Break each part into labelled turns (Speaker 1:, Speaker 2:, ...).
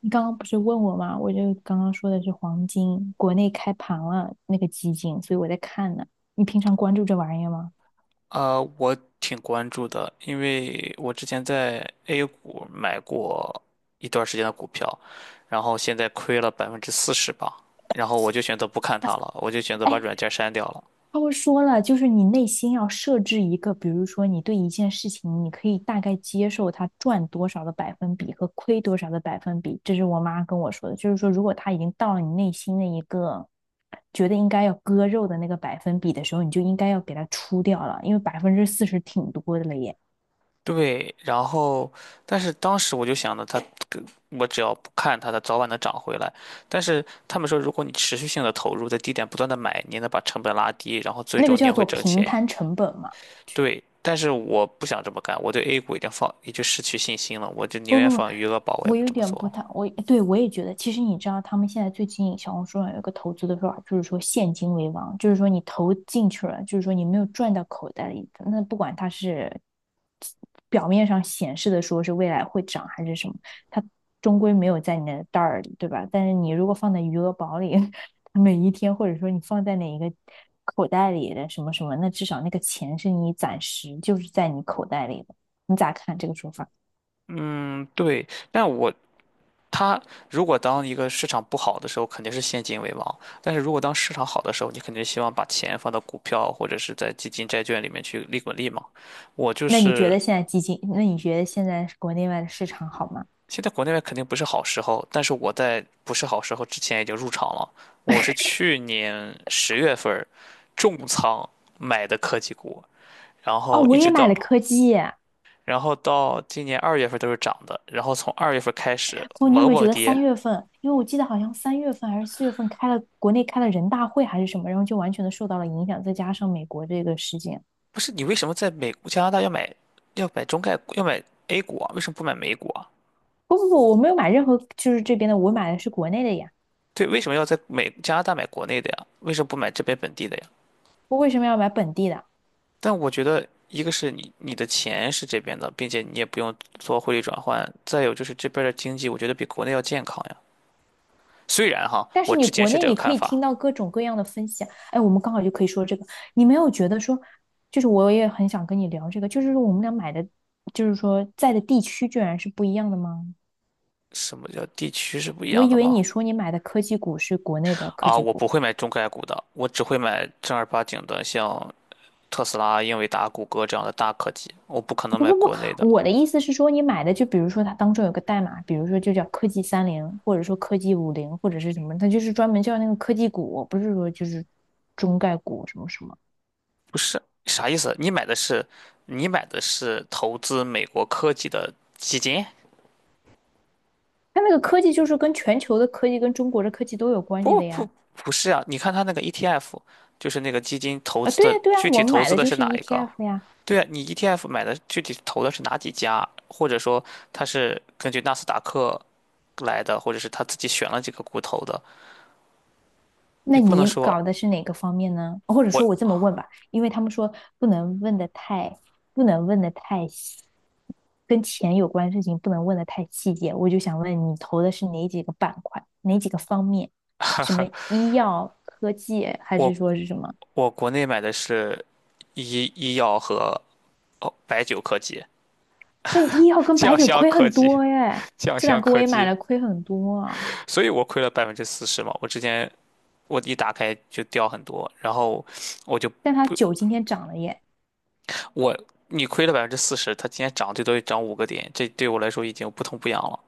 Speaker 1: 你刚刚不是问我吗？我就刚刚说的是黄金，国内开盘了那个基金，所以我在看呢。你平常关注这玩意儿吗？
Speaker 2: 我挺关注的，因为我之前在 A 股买过一段时间的股票，然后现在亏了百分之四十吧，然后我就选择不看它了，我就选择把
Speaker 1: 哎，
Speaker 2: 软件删掉了。
Speaker 1: 他会说了，就是你内心要设置一个，比如说你对一件事情，你可以大概接受它赚多少的百分比和亏多少的百分比。这是我妈跟我说的，就是说如果它已经到了你内心的一个觉得应该要割肉的那个百分比的时候，你就应该要给它出掉了，因为40%挺多的了耶。
Speaker 2: 对，然后，但是当时我就想着它，我只要不看它，它早晚能涨回来。但是他们说，如果你持续性的投入，在低点不断的买，你能把成本拉低，然后最
Speaker 1: 那个
Speaker 2: 终你也
Speaker 1: 叫
Speaker 2: 会
Speaker 1: 做
Speaker 2: 挣
Speaker 1: 平
Speaker 2: 钱。
Speaker 1: 摊成本嘛。
Speaker 2: 对，但是我不想这么干，我对 A 股已经放，已经失去信心了，我就宁
Speaker 1: 不
Speaker 2: 愿
Speaker 1: 不不，
Speaker 2: 放余额宝，我也
Speaker 1: 我
Speaker 2: 不
Speaker 1: 有
Speaker 2: 这么
Speaker 1: 点
Speaker 2: 做
Speaker 1: 不太，
Speaker 2: 了。
Speaker 1: 我也觉得，其实你知道，他们现在最近小红书上有一个投资的说法，就是说现金为王，就是说你投进去了，就是说你没有赚到口袋里的，那不管它是表面上显示的说是未来会涨还是什么，它终归没有在你的袋儿里，对吧？但是你如果放在余额宝里，每一天或者说你放在哪一个口袋里的什么什么，那至少那个钱是你暂时就是在你口袋里的。你咋看这个说法？
Speaker 2: 嗯，对，但我它如果当一个市场不好的时候，肯定是现金为王，但是如果当市场好的时候，你肯定希望把钱放到股票或者是在基金、债券里面去利滚利嘛。我就
Speaker 1: 那你觉
Speaker 2: 是
Speaker 1: 得现在基金，那你觉得现在国内外的市场好吗？
Speaker 2: 现在国内外肯定不是好时候，但是我在不是好时候之前已经入场了，我是去年10月份儿重仓买的科技股。然
Speaker 1: 哦，
Speaker 2: 后
Speaker 1: 我
Speaker 2: 一直
Speaker 1: 也买
Speaker 2: 到，
Speaker 1: 了科技。
Speaker 2: 然后到今年二月份都是涨的，然后从二月份开始
Speaker 1: 不，你有
Speaker 2: 猛
Speaker 1: 没有
Speaker 2: 猛
Speaker 1: 觉得
Speaker 2: 跌。
Speaker 1: 三月份？因为我记得好像三月份还是4月份开了国内开了人大会还是什么，然后就完全的受到了影响，再加上美国这个事件。
Speaker 2: 不是你为什么在美加拿大要买中概股要买 A 股啊？为什么不买美股啊？
Speaker 1: 不不不，我没有买任何就是这边的，我买的是国内的呀。
Speaker 2: 对，为什么要在美加拿大买国内的呀？为什么不买这边本地的呀？
Speaker 1: 我为什么要买本地的？
Speaker 2: 但我觉得，一个是你的钱是这边的，并且你也不用做汇率转换，再有就是这边的经济，我觉得比国内要健康呀。虽然哈，
Speaker 1: 但
Speaker 2: 我
Speaker 1: 是你
Speaker 2: 之前
Speaker 1: 国
Speaker 2: 是
Speaker 1: 内
Speaker 2: 这个
Speaker 1: 你可
Speaker 2: 看
Speaker 1: 以听
Speaker 2: 法，
Speaker 1: 到各种各样的分析啊哎，我们刚好就可以说这个。你没有觉得说，就是我也很想跟你聊这个，就是说我们俩买的，就是说在的地区居然是不一样的吗？
Speaker 2: 什么叫地区是不一
Speaker 1: 我
Speaker 2: 样
Speaker 1: 以
Speaker 2: 的
Speaker 1: 为
Speaker 2: 吗？
Speaker 1: 你说你买的科技股是国内的科
Speaker 2: 啊，
Speaker 1: 技
Speaker 2: 我不
Speaker 1: 股，
Speaker 2: 会买中概股的，我只会买正儿八经的，像特斯拉、英伟达、谷歌这样的大科技，我不可能
Speaker 1: 不
Speaker 2: 买
Speaker 1: 不
Speaker 2: 国内的。
Speaker 1: 不，我的意思是说你买的，就比如说它当中有个代码，比如说就叫科技30，或者说科技50，或者是什么，它就是专门叫那个科技股，不是说就是中概股什么什么。
Speaker 2: 不是，啥意思？你买的是投资美国科技的基金？
Speaker 1: 它那个科技就是跟全球的科技跟中国的科技都有关系
Speaker 2: 不
Speaker 1: 的
Speaker 2: 不
Speaker 1: 呀。
Speaker 2: 不是啊，你看它那个 ETF,就是那个基金投
Speaker 1: 啊，
Speaker 2: 资
Speaker 1: 对呀
Speaker 2: 的，
Speaker 1: 对呀，
Speaker 2: 具体
Speaker 1: 我们
Speaker 2: 投
Speaker 1: 买
Speaker 2: 资
Speaker 1: 的
Speaker 2: 的
Speaker 1: 就
Speaker 2: 是
Speaker 1: 是
Speaker 2: 哪一个？
Speaker 1: ETF 呀。
Speaker 2: 对啊，你 ETF 买的具体投的是哪几家？或者说它是根据纳斯达克来的，或者是他自己选了几个股投的？你
Speaker 1: 那
Speaker 2: 不能
Speaker 1: 你
Speaker 2: 说
Speaker 1: 搞的是哪个方面呢？或者说我这
Speaker 2: 我
Speaker 1: 么问吧，因为他们说不能问的太，不能问的太细，跟钱有关的事情不能问的太细节。我就想问你投的是哪几个板块，哪几个方面？什么医药、科技，还是
Speaker 2: 我
Speaker 1: 说是什么？
Speaker 2: 国内买的是医药和哦白酒科技、
Speaker 1: 那医药跟白
Speaker 2: 酱
Speaker 1: 酒
Speaker 2: 香
Speaker 1: 亏
Speaker 2: 科
Speaker 1: 很
Speaker 2: 技、
Speaker 1: 多耶，
Speaker 2: 酱
Speaker 1: 这两
Speaker 2: 香
Speaker 1: 个我
Speaker 2: 科
Speaker 1: 也买
Speaker 2: 技，
Speaker 1: 了，亏很多啊。
Speaker 2: 所以我亏了百分之四十嘛。我之前我一打开就掉很多，然后我就
Speaker 1: 但它
Speaker 2: 不
Speaker 1: 酒今天涨了耶。
Speaker 2: 我你亏了百分之四十，它今天涨最多也涨5个点，这对我来说已经不痛不痒了。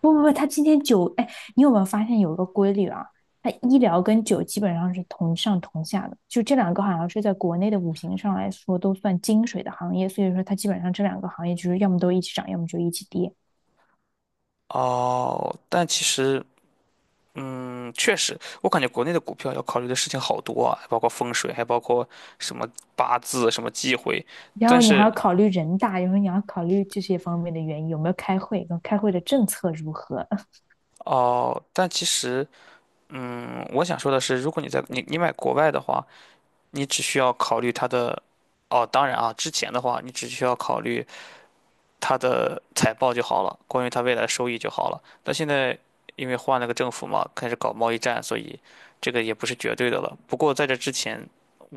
Speaker 1: 不不不，他今天酒，哎，你有没有发现有一个规律啊？他医疗跟酒基本上是同上同下的，就这两个好像是在国内的五行上来说都算金水的行业，所以说它基本上这两个行业就是要么都一起涨，要么就一起跌。
Speaker 2: 哦，但其实确实，我感觉国内的股票要考虑的事情好多啊，还包括风水，还包括什么八字、什么忌讳，
Speaker 1: 然
Speaker 2: 但
Speaker 1: 后你还
Speaker 2: 是。
Speaker 1: 要考虑人大，然后你要考虑这些方面的原因，有没有开会，跟开会的政策如何，
Speaker 2: 哦，但其实我想说的是，如果你在你买国外的话，你只需要考虑它的，哦，当然啊，之前的话，你只需要考虑它的财报就好了，关于它未来收益就好了。但现在因为换了个政府嘛，开始搞贸易战，所以这个也不是绝对的了。不过在这之前，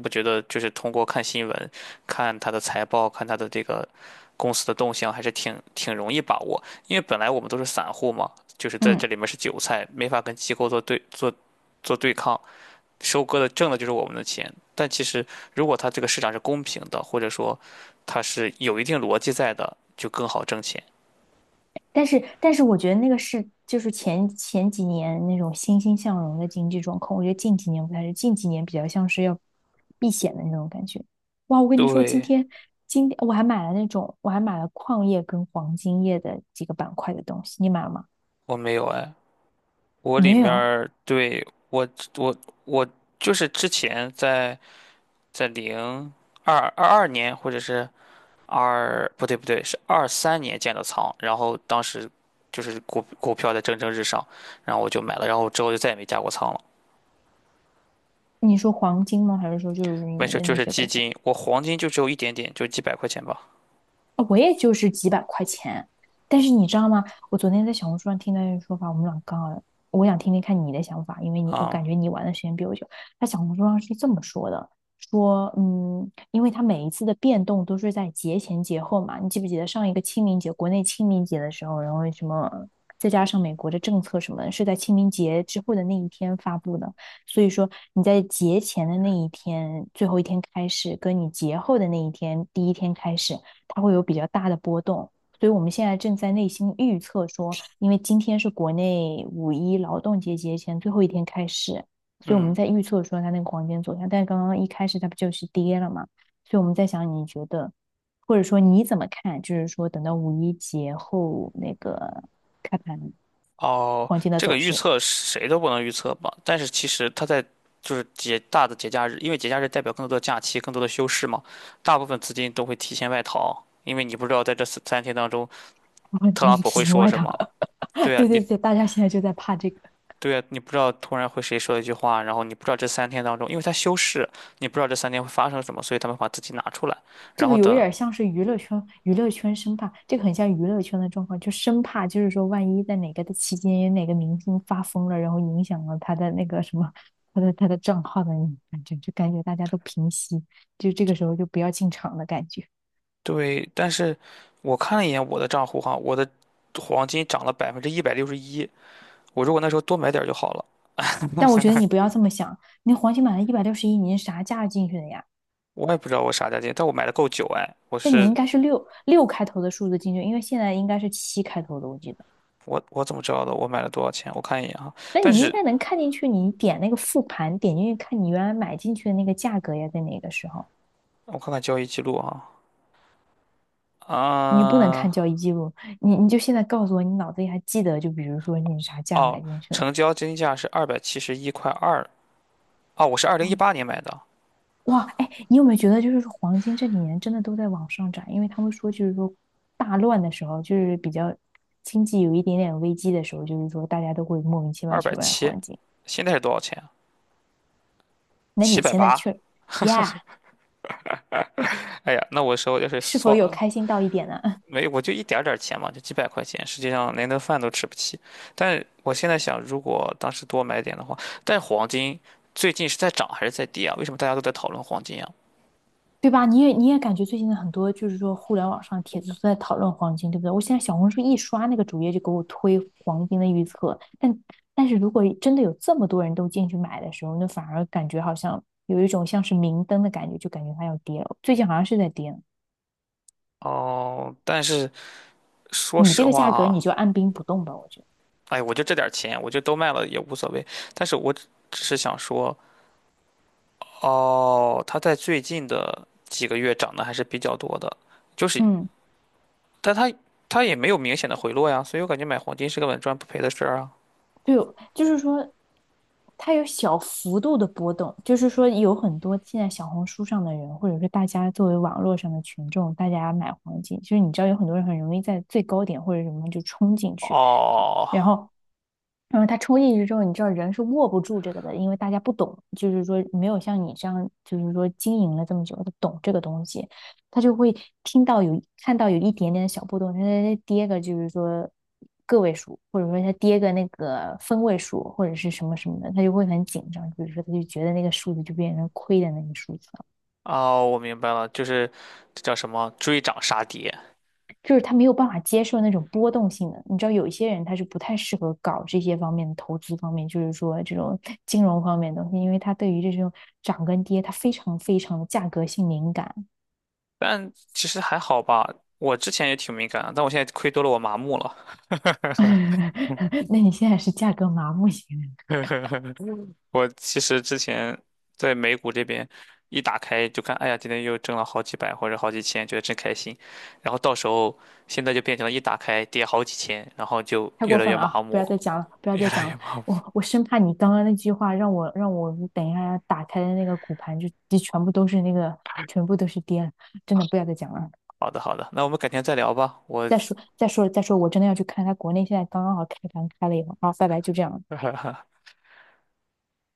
Speaker 2: 我觉得就是通过看新闻、看它的财报、看它的这个公司的动向，还是挺容易把握。因为本来我们都是散户嘛，就是在
Speaker 1: 嗯。
Speaker 2: 这里面是韭菜，没法跟机构做对抗。收割的挣的就是我们的钱。但其实，如果它这个市场是公平的，或者说它是有一定逻辑在的，就更好挣钱。
Speaker 1: 但是我觉得那个是就是前几年那种欣欣向荣的经济状况，我觉得近几年不太是，近几年比较像是要避险的那种感觉。哇，我跟你说，今
Speaker 2: 对，
Speaker 1: 天今天我还买了那种，我还买了矿业跟黄金业的几个板块的东西，你买了吗？
Speaker 2: 我没有哎，我里
Speaker 1: 没
Speaker 2: 面
Speaker 1: 有？
Speaker 2: 儿对我我就是之前在零二二二年或者是二不对不对是二三年建的仓，然后当时就是股票在蒸蒸日上，然后我就买了，然后之后就再也没加过仓了。
Speaker 1: 你说黄金吗？还是说就是
Speaker 2: 没
Speaker 1: 你
Speaker 2: 事，
Speaker 1: 的
Speaker 2: 就
Speaker 1: 那
Speaker 2: 是
Speaker 1: 些
Speaker 2: 基
Speaker 1: 股票？
Speaker 2: 金，我黄金就只有一点点，就几百块钱吧。
Speaker 1: 啊，我也就是几百块钱。但是你知道吗？我昨天在小红书上听到一个说法，我们俩刚好，我想听听看你的想法，因为你我感
Speaker 2: 啊、
Speaker 1: 觉你玩的时间比我久。他小红书上是这么说的，说嗯，因为他每一次的变动都是在节前节后嘛，你记不记得上一个清明节，国内清明节的时候，然后什么，再加上美国的政策什么的是在清明节之后的那一天发布的。所以说你在节前的那一天，最后一天开始，跟你节后的那一天，第一天开始。它会有比较大的波动。所以我们现在正在内心预测说，因为今天是国内五一劳动节节前最后一天开始，所以我们
Speaker 2: 嗯，
Speaker 1: 在预测说它那个黄金走向。但是刚刚一开始它不就是跌了嘛？所以我们在想，你觉得，或者说你怎么看？就是说等到五一节后那个开盘
Speaker 2: 哦，
Speaker 1: 黄金的
Speaker 2: 这个
Speaker 1: 走
Speaker 2: 预
Speaker 1: 势，
Speaker 2: 测谁都不能预测吧？但是其实它在就是节大的节假日，因为节假日代表更多的假期、更多的休市嘛，大部分资金都会提前外逃，因为你不知道在这三天当中，
Speaker 1: 哦
Speaker 2: 特朗
Speaker 1: 你
Speaker 2: 普
Speaker 1: 提
Speaker 2: 会
Speaker 1: 前
Speaker 2: 说
Speaker 1: 外
Speaker 2: 什
Speaker 1: 套，
Speaker 2: 么。对 啊，
Speaker 1: 对
Speaker 2: 你
Speaker 1: 对对，大家现在就在怕这个。
Speaker 2: 对啊，你不知道突然会谁说一句话，然后你不知道这三天当中，因为他休市，你不知道这三天会发生什么，所以他们把资金拿出来，
Speaker 1: 这
Speaker 2: 然
Speaker 1: 个
Speaker 2: 后
Speaker 1: 有一
Speaker 2: 等。
Speaker 1: 点像是娱乐圈，娱乐圈生怕，这个很像娱乐圈的状况，就生怕就是说，万一在哪个的期间，有哪个明星发疯了，然后影响了他的那个什么，他的账号的感觉，就感觉大家都平息，就这个时候就不要进场的感觉。
Speaker 2: 对，但是我看了一眼我的账户哈，我的黄金涨了161%，我如果那时候多买点儿就好了。
Speaker 1: 但我觉得你不要这么想，你黄金买的161，你是啥价进去的呀？
Speaker 2: 我也不知道我啥价钱，但我买的够久哎。我
Speaker 1: 那你
Speaker 2: 是
Speaker 1: 应该是六开头的数字进去，因为现在应该是七开头的，我记得。
Speaker 2: 我我怎么知道的？我买了多少钱？我看一眼啊。
Speaker 1: 那
Speaker 2: 但
Speaker 1: 你应
Speaker 2: 是
Speaker 1: 该能看进去，你点那个复盘，点进去看你原来买进去的那个价格呀，在哪个时候？
Speaker 2: 我看看交易记录啊。
Speaker 1: 你不能
Speaker 2: 啊、
Speaker 1: 看交易记录，你就现在告诉我，你脑子里还记得，就比如说你啥价买
Speaker 2: 哦，
Speaker 1: 进去的。
Speaker 2: 成交金价是271块2。哦，我是二零一
Speaker 1: 嗯
Speaker 2: 八年买的，
Speaker 1: 哇，哎，你有没有觉得，就是黄金这几年真的都在往上涨？因为他们说，就是说大乱的时候，就是比较经济有一点点危机的时候，就是说大家都会莫名其妙
Speaker 2: 二百
Speaker 1: 去买
Speaker 2: 七，
Speaker 1: 黄金。
Speaker 2: 现在是多少钱啊？
Speaker 1: 那
Speaker 2: 七
Speaker 1: 你
Speaker 2: 百
Speaker 1: 现在
Speaker 2: 八。
Speaker 1: 去呀，
Speaker 2: 哎呀，那我手要是
Speaker 1: 是否
Speaker 2: 算
Speaker 1: 有
Speaker 2: 了，
Speaker 1: 开心到一点呢？
Speaker 2: 没，我就一点儿点儿钱嘛，就几百块钱，实际上连顿饭都吃不起。但是我现在想，如果当时多买点的话，但是黄金最近是在涨还是在跌啊？为什么大家都在讨论黄金啊？
Speaker 1: 对吧？你也感觉最近的很多就是说互联网上帖子都在讨论黄金，对不对？我现在小红书一刷那个主页就给我推黄金的预测，但是如果真的有这么多人都进去买的时候，那反而感觉好像有一种像是明灯的感觉，就感觉它要跌了。最近好像是在跌，
Speaker 2: 哦，但是说
Speaker 1: 你这
Speaker 2: 实
Speaker 1: 个
Speaker 2: 话
Speaker 1: 价格你
Speaker 2: 啊，
Speaker 1: 就按兵不动吧，我觉得。
Speaker 2: 哎，我就这点儿钱，我就都卖了也无所谓。但是我只是想说，哦，它在最近的几个月涨得还是比较多的，就是，
Speaker 1: 嗯。
Speaker 2: 但它也没有明显的回落呀，所以我感觉买黄金是个稳赚不赔的事儿啊。
Speaker 1: 对，就是说，它有小幅度的波动，就是说，有很多现在小红书上的人，或者是大家作为网络上的群众，大家买黄金，就是你知道有很多人很容易在最高点或者什么就冲进去，好，
Speaker 2: 哦，
Speaker 1: 然后他冲进去之后，你知道人是握不住这个的，因为大家不懂，就是说没有像你这样，就是说经营了这么久，他懂这个东西，他就会听到有看到有一点点的小波动，他跌个就是说个位数，或者说他跌个那个分位数，或者是什么什么的，他就会很紧张，比如说他就觉得那个数字就变成亏的那个数字。
Speaker 2: 哦，我明白了，就是这叫什么追涨杀跌，
Speaker 1: 就是他没有办法接受那种波动性的。你知道，有一些人他是不太适合搞这些方面的投资方面，就是说这种 金融方面的东西，因为他对于这种涨跟跌，他非常非常的价格性敏感
Speaker 2: 但其实还好吧。我之前也挺敏感的，但我现在亏多了，我麻木了。
Speaker 1: 那你现在是价格麻木型
Speaker 2: 我其实之前在美股这边一打开就看，哎呀，今天又挣了好几百或者好几千，觉得真开心。然后到时候现在就变成了一打开跌好几千，然后就
Speaker 1: 太
Speaker 2: 越
Speaker 1: 过
Speaker 2: 来
Speaker 1: 分
Speaker 2: 越
Speaker 1: 了啊！
Speaker 2: 麻
Speaker 1: 不要再
Speaker 2: 木，
Speaker 1: 讲了，不要
Speaker 2: 越
Speaker 1: 再
Speaker 2: 来
Speaker 1: 讲
Speaker 2: 越
Speaker 1: 了。
Speaker 2: 麻木。
Speaker 1: 我生怕你刚刚那句话让我等一下打开的那个骨盘就全部都是跌了，真的不要再讲了。
Speaker 2: 好的，好的，那我们改天再聊吧。我
Speaker 1: 再说，我真的要去看他国内现在刚刚好开盘开了以后，然后拜拜，就这样。